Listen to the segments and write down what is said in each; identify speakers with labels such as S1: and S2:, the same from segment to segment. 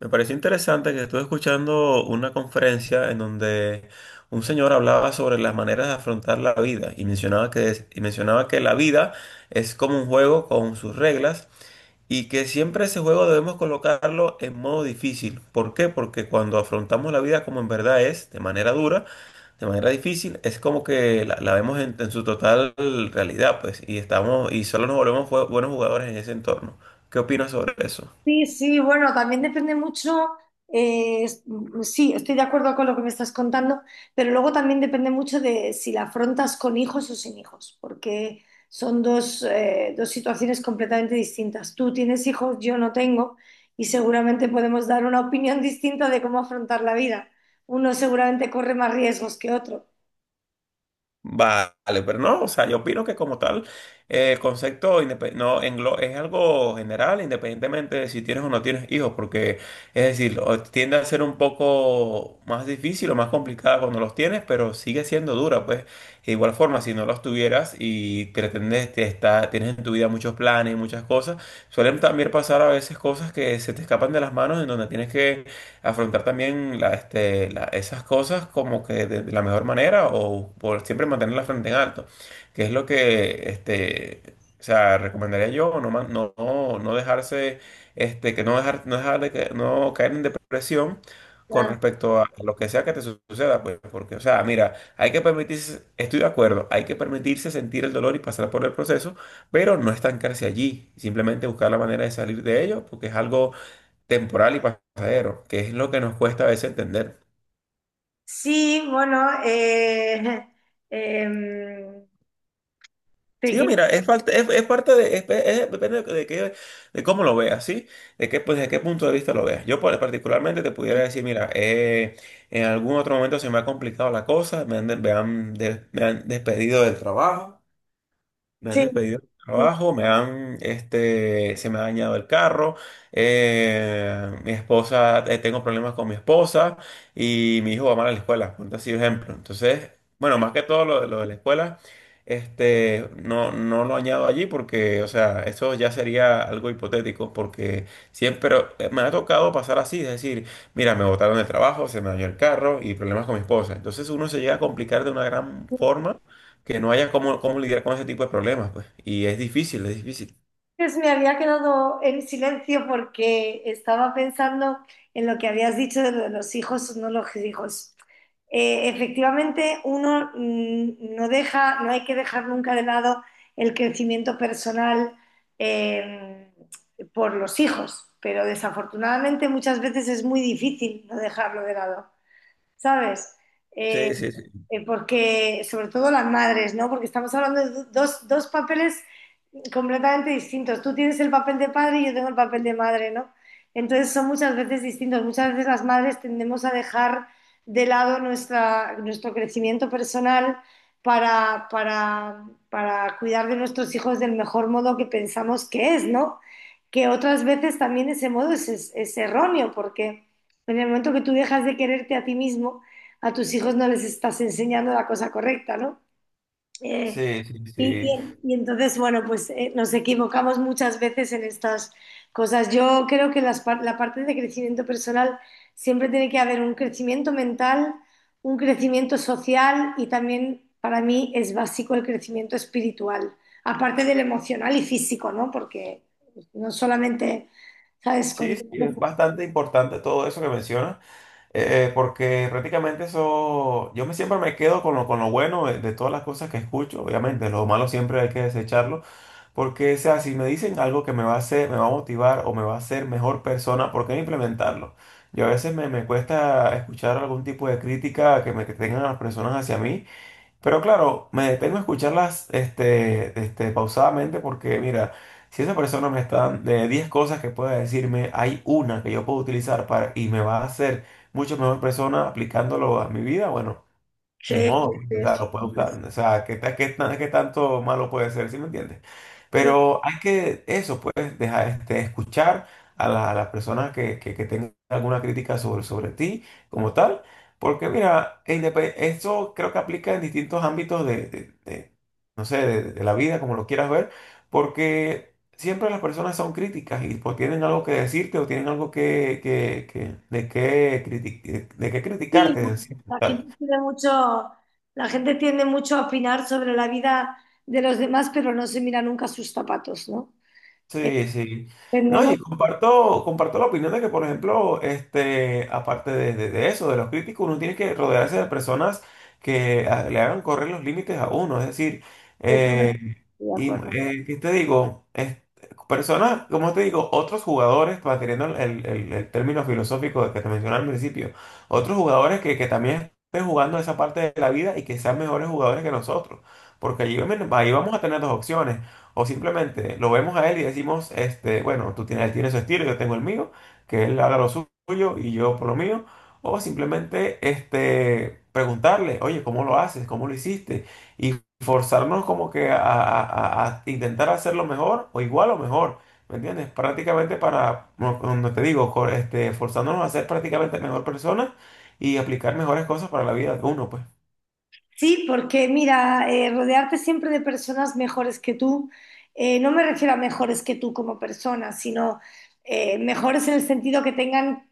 S1: Me pareció interesante que estuve escuchando una conferencia en donde un señor hablaba sobre las maneras de afrontar la vida y mencionaba que, y mencionaba que la vida es como un juego con sus reglas y que siempre ese juego debemos colocarlo en modo difícil. ¿Por qué? Porque cuando afrontamos la vida como en verdad es, de manera dura, de manera difícil, es como que la vemos en su total realidad, pues, y estamos, y solo nos volvemos buenos jugadores en ese entorno. ¿Qué opinas sobre eso?
S2: Sí, sí, bueno, también depende mucho, sí, estoy de acuerdo con lo que me estás contando, pero luego también depende mucho de si la afrontas con hijos o sin hijos, porque son dos, dos situaciones completamente distintas. Tú tienes hijos, yo no tengo, y seguramente podemos dar una opinión distinta de cómo afrontar la vida. Uno seguramente corre más riesgos que otro.
S1: Vale, pero no, o sea, yo opino que como tal, el concepto no, es algo general, independientemente de si tienes o no tienes hijos, porque es decir, tiende a ser un poco más difícil o más complicada cuando los tienes, pero sigue siendo dura, pues. De igual forma, si no los tuvieras y pretendes, te está, tienes en tu vida muchos planes, muchas cosas, suelen también pasar a veces cosas que se te escapan de las manos en donde tienes que afrontar también la, este, esas cosas como que de la mejor manera o por siempre mantener la frente en alto, que es lo que, este, o sea, recomendaría yo, no, no, no dejarse, este, que no dejar, no dejar de que, no caer en depresión con
S2: Claro.
S1: respecto a lo que sea que te suceda, pues, porque, o sea, mira, hay que permitirse, estoy de acuerdo, hay que permitirse sentir el dolor y pasar por el proceso, pero no estancarse allí, simplemente buscar la manera de salir de ello, porque es algo temporal y pasajero, que es lo que nos cuesta a veces entender.
S2: Sí, bueno, em,
S1: Sí,
S2: pequeño,
S1: mira, es parte de, depende de, de cómo lo veas, ¿sí? De qué, pues, de qué punto de vista lo veas. Yo particularmente te pudiera decir, mira, en algún otro momento se me ha complicado la cosa, me han, me han me han despedido del trabajo. Me han
S2: sí.
S1: despedido del
S2: Sí.
S1: trabajo, me han, este, se me ha dañado el carro, mi esposa, tengo problemas con mi esposa y mi hijo va mal a la escuela, por así ejemplo. Entonces, bueno, más que todo lo de la escuela, este, no, no lo añado allí porque, o sea, eso ya sería algo hipotético porque siempre me ha tocado pasar así, es decir, mira, me botaron del trabajo, se me dañó el carro y problemas con mi esposa. Entonces uno se llega a complicar de una gran forma que no haya cómo, cómo lidiar con ese tipo de problemas, pues. Y es difícil, es difícil.
S2: Pues me había quedado en silencio porque estaba pensando en lo que habías dicho de lo de los hijos o no los hijos. Efectivamente, uno no deja, no hay que dejar nunca de lado el crecimiento personal eh, por los hijos, pero desafortunadamente muchas veces es muy difícil no dejarlo de lado, ¿sabes? Eh,
S1: Sí, sí, sí.
S2: Porque, sobre todo las madres, ¿no? Porque estamos hablando de dos, dos papeles completamente distintos. Tú tienes el papel de padre y yo tengo el papel de madre, ¿no? Entonces son muchas veces distintos. Muchas veces las madres tendemos a dejar de lado nuestro crecimiento personal para, para, para cuidar de nuestros hijos del mejor modo que pensamos que es, ¿no? Que otras veces también ese modo es, es erróneo, porque en el momento que tú dejas de quererte a ti mismo, a tus hijos no les estás enseñando la cosa correcta, ¿no? Eh,
S1: Sí, sí, sí.
S2: y entonces, bueno, pues nos equivocamos muchas veces en estas cosas. Yo creo que la parte de crecimiento personal siempre tiene que haber un crecimiento mental, un crecimiento social y también para mí es básico el crecimiento espiritual, aparte del emocional y físico, ¿no? Porque no solamente, ¿sabes?
S1: Sí,
S2: Con...
S1: sí, es bastante importante todo eso que mencionas, porque prácticamente eso, yo me siempre me quedo con lo bueno de todas las cosas que escucho, obviamente, lo malo siempre hay que desecharlo, porque, o sea, si me dicen algo que me va a hacer, me va a motivar o me va a hacer mejor persona, ¿por qué no implementarlo? Yo a veces me, me cuesta escuchar algún tipo de crítica que me que tengan las personas hacia mí. Pero claro, me detengo a escucharlas pausadamente porque, mira, si esa persona me está dando de 10 cosas que pueda decirme, hay una que yo puedo utilizar para, y me va a hacer mucho mejor persona aplicándolo a mi vida, bueno, ni
S2: Sí, sí,
S1: modo,
S2: sí,
S1: o sea,
S2: eso.
S1: lo puede usar. O sea, qué, qué tanto malo puede ser? ¿Sí me entiendes? Pero hay que, eso, pues, dejar, este, escuchar a la, a las personas que, que tengan alguna crítica sobre, sobre ti como tal. Porque, mira, eso creo que aplica en distintos ámbitos de, de, no sé, de la vida, como lo quieras ver. Porque siempre las personas son críticas y pues, tienen algo que decirte o tienen algo que, de qué de qué
S2: Sí,
S1: criticarte, en sí, como
S2: la gente
S1: tal.
S2: tiene mucho, la gente tiende mucho a opinar sobre la vida de los demás, pero no se mira nunca sus zapatos, ¿no?
S1: Sí, sí. No, y
S2: Entendemos.
S1: comparto, comparto la opinión de que, por ejemplo, este, aparte de, de eso, de los críticos, uno tiene que rodearse de personas que ah, le hagan correr los límites a uno. Es decir,
S2: Estoy
S1: eh,
S2: de
S1: y
S2: acuerdo.
S1: ¿qué te digo? Personas, como te digo, otros jugadores, manteniendo el, el término filosófico que te mencioné al principio, otros jugadores que también estén jugando esa parte de la vida y que sean mejores jugadores que nosotros. Porque allí, ahí vamos a tener dos opciones. O simplemente lo vemos a él y decimos, este, bueno, tú tienes, él tiene su estilo, yo tengo el mío, que él haga lo suyo y yo por lo mío. O simplemente este, preguntarle, oye, ¿cómo lo haces? ¿Cómo lo hiciste? Forzarnos como que a, a intentar hacerlo mejor o igual o mejor, ¿me entiendes? Prácticamente para, no no te digo, este, forzándonos a ser prácticamente mejor personas y aplicar mejores cosas para la vida de uno, pues.
S2: Sí, porque mira, rodearte siempre de personas mejores que tú, no me refiero a mejores que tú como persona, sino mejores en el sentido que tengan,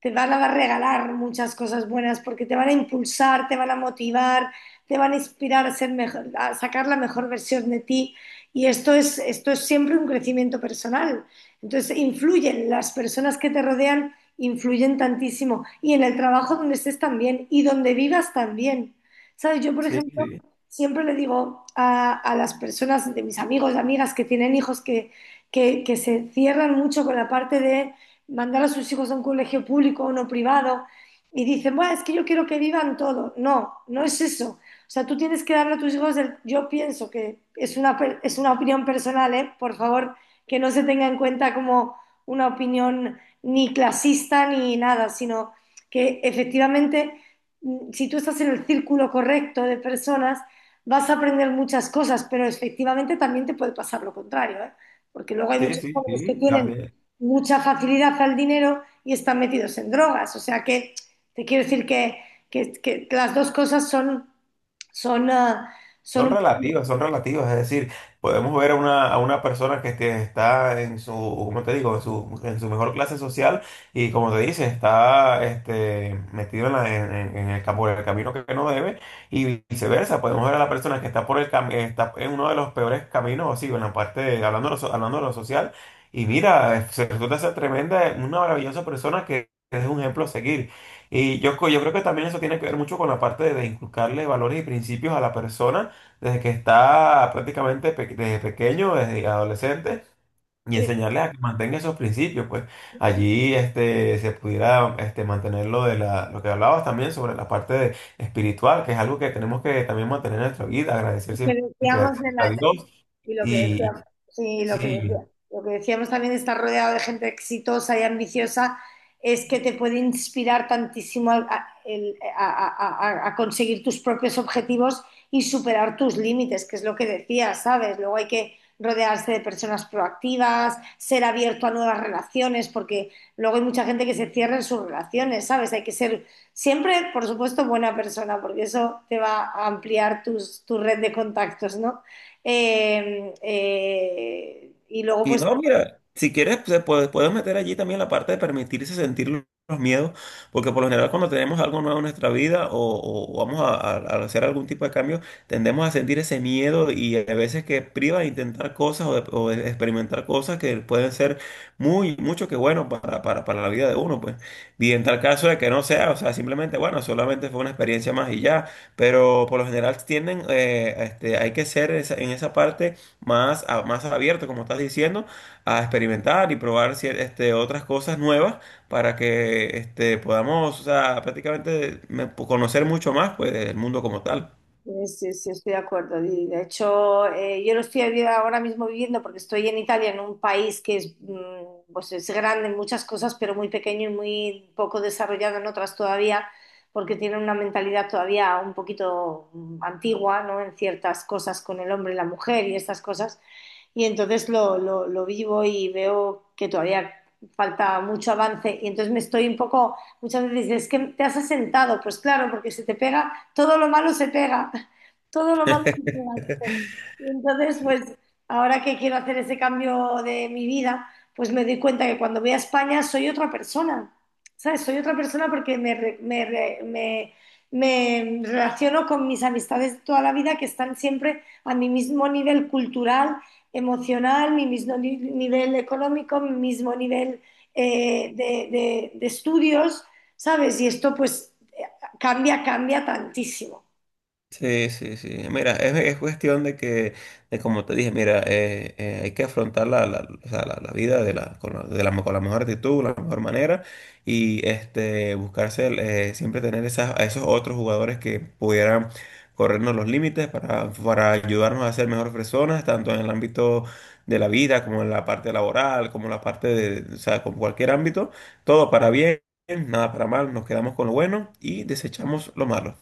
S2: te van a regalar muchas cosas buenas porque te van a impulsar, te van a motivar, te van a inspirar a ser mejor, a sacar la mejor versión de ti. Y esto es siempre un crecimiento personal. Entonces, las personas que te rodean influyen tantísimo. Y en el trabajo donde estés también y donde vivas también. ¿Sabes? Yo, por
S1: Sí,
S2: ejemplo,
S1: sí,
S2: siempre le digo a las personas, de mis amigos, amigas que tienen hijos, que se cierran mucho con la parte de mandar a sus hijos a un colegio público o no privado y dicen, bueno, es que yo quiero que vivan todo. No, no es eso. O sea, tú tienes que darle a tus hijos, yo pienso que es una, es una opinión personal, ¿eh? Por favor, que no se tenga en cuenta como una opinión ni clasista ni nada, sino que efectivamente si tú estás en el círculo correcto de personas, vas a aprender muchas cosas, pero efectivamente también te puede pasar lo contrario, ¿eh? Porque luego hay
S1: sí,
S2: muchos
S1: sí,
S2: jóvenes que
S1: sí,
S2: tienen
S1: también.
S2: mucha facilidad al dinero y están metidos en drogas. O sea que te quiero decir que, que las dos cosas son, son, son un poco
S1: Son relativas, es decir, podemos ver a una persona que este, está en su, ¿cómo te digo?, en su mejor clase social y como te dice, está este, metido en, en el, por el camino que no debe y viceversa, podemos ver a la persona que está por el está en uno de los peores caminos, así, en la parte, hablando de lo, hablando de lo social, y mira, se resulta ser tremenda, una maravillosa persona que es un ejemplo a seguir. Y yo, yo creo que también eso tiene que ver mucho con la parte de inculcarle valores y principios a la persona desde que está prácticamente desde pequeño, desde adolescente, y enseñarles a que mantengan esos principios, pues allí este, se pudiera este, mantener lo de la, lo que hablabas también sobre la parte espiritual, que es algo que tenemos que también mantener en nuestra vida, agradecer siempre a
S2: diferenciamos de.
S1: siempre a Dios
S2: Y lo que
S1: y,
S2: decíamos,
S1: y
S2: sí,
S1: sí.
S2: lo que decíamos también de estar rodeado de gente exitosa y ambiciosa es que te puede inspirar tantísimo al- a, el- a conseguir tus propios objetivos y superar tus límites, que es lo que decías, ¿sabes? Luego hay que rodearse de personas proactivas, ser abierto a nuevas relaciones, porque luego hay mucha gente que se cierra en sus relaciones, ¿sabes? Hay que ser siempre, por supuesto, buena persona, porque eso te va a ampliar tus, tu red de contactos, ¿no? Y luego,
S1: Y
S2: pues,
S1: no, mira, si quieres, pues, se puede, puedes meter allí también la parte de permitirse sentir los miedos, porque por lo general cuando tenemos algo nuevo en nuestra vida o, o vamos a, a hacer algún tipo de cambio, tendemos a sentir ese miedo y a veces que priva de intentar cosas o de experimentar cosas que pueden ser muy, mucho que bueno para la vida de uno, pues. Y en tal caso de que no sea, o sea, simplemente, bueno, solamente fue una experiencia más y ya, pero por lo general tienden, este, hay que ser en esa parte más, más abierto, como estás diciendo, a experimentar y probar este, otras cosas nuevas para que este, podamos, o sea, prácticamente conocer mucho más pues, del mundo como tal.
S2: sí, sí, estoy de acuerdo. Y, de hecho, yo lo estoy ahora mismo viviendo porque estoy en Italia, en un país que es, pues, es grande en muchas cosas, pero muy pequeño y muy poco desarrollado en otras todavía, porque tienen una mentalidad todavía un poquito antigua, ¿no? En ciertas cosas con el hombre y la mujer y estas cosas. Y entonces lo vivo y veo que todavía falta mucho avance y entonces me estoy un poco, muchas veces dices, es que te has asentado, pues claro, porque se te pega, todo lo malo se pega, todo lo malo se pega. Dices. Y entonces, pues ahora que quiero hacer ese cambio de mi vida, pues me doy cuenta que cuando voy a España soy otra persona, ¿sabes? Soy otra persona porque me relaciono con mis amistades de toda la vida que están siempre a mi mismo nivel cultural emocional, mi mismo nivel económico, mi mismo nivel de estudios, ¿sabes? Y esto pues cambia, cambia tantísimo.
S1: Sí, sí, sí. Mira, es cuestión de que, de como te dije, mira, hay que afrontar la, la, o sea, la vida de la, con la, de la, con la mejor actitud, la mejor manera y este, buscarse, el, siempre tener esas, a esos otros jugadores que pudieran corrernos los límites para ayudarnos a ser mejores personas, tanto en el ámbito de la vida como en la parte laboral, como en la parte de, o sea, con cualquier ámbito, todo para bien, nada para mal, nos quedamos con lo bueno y desechamos lo malo.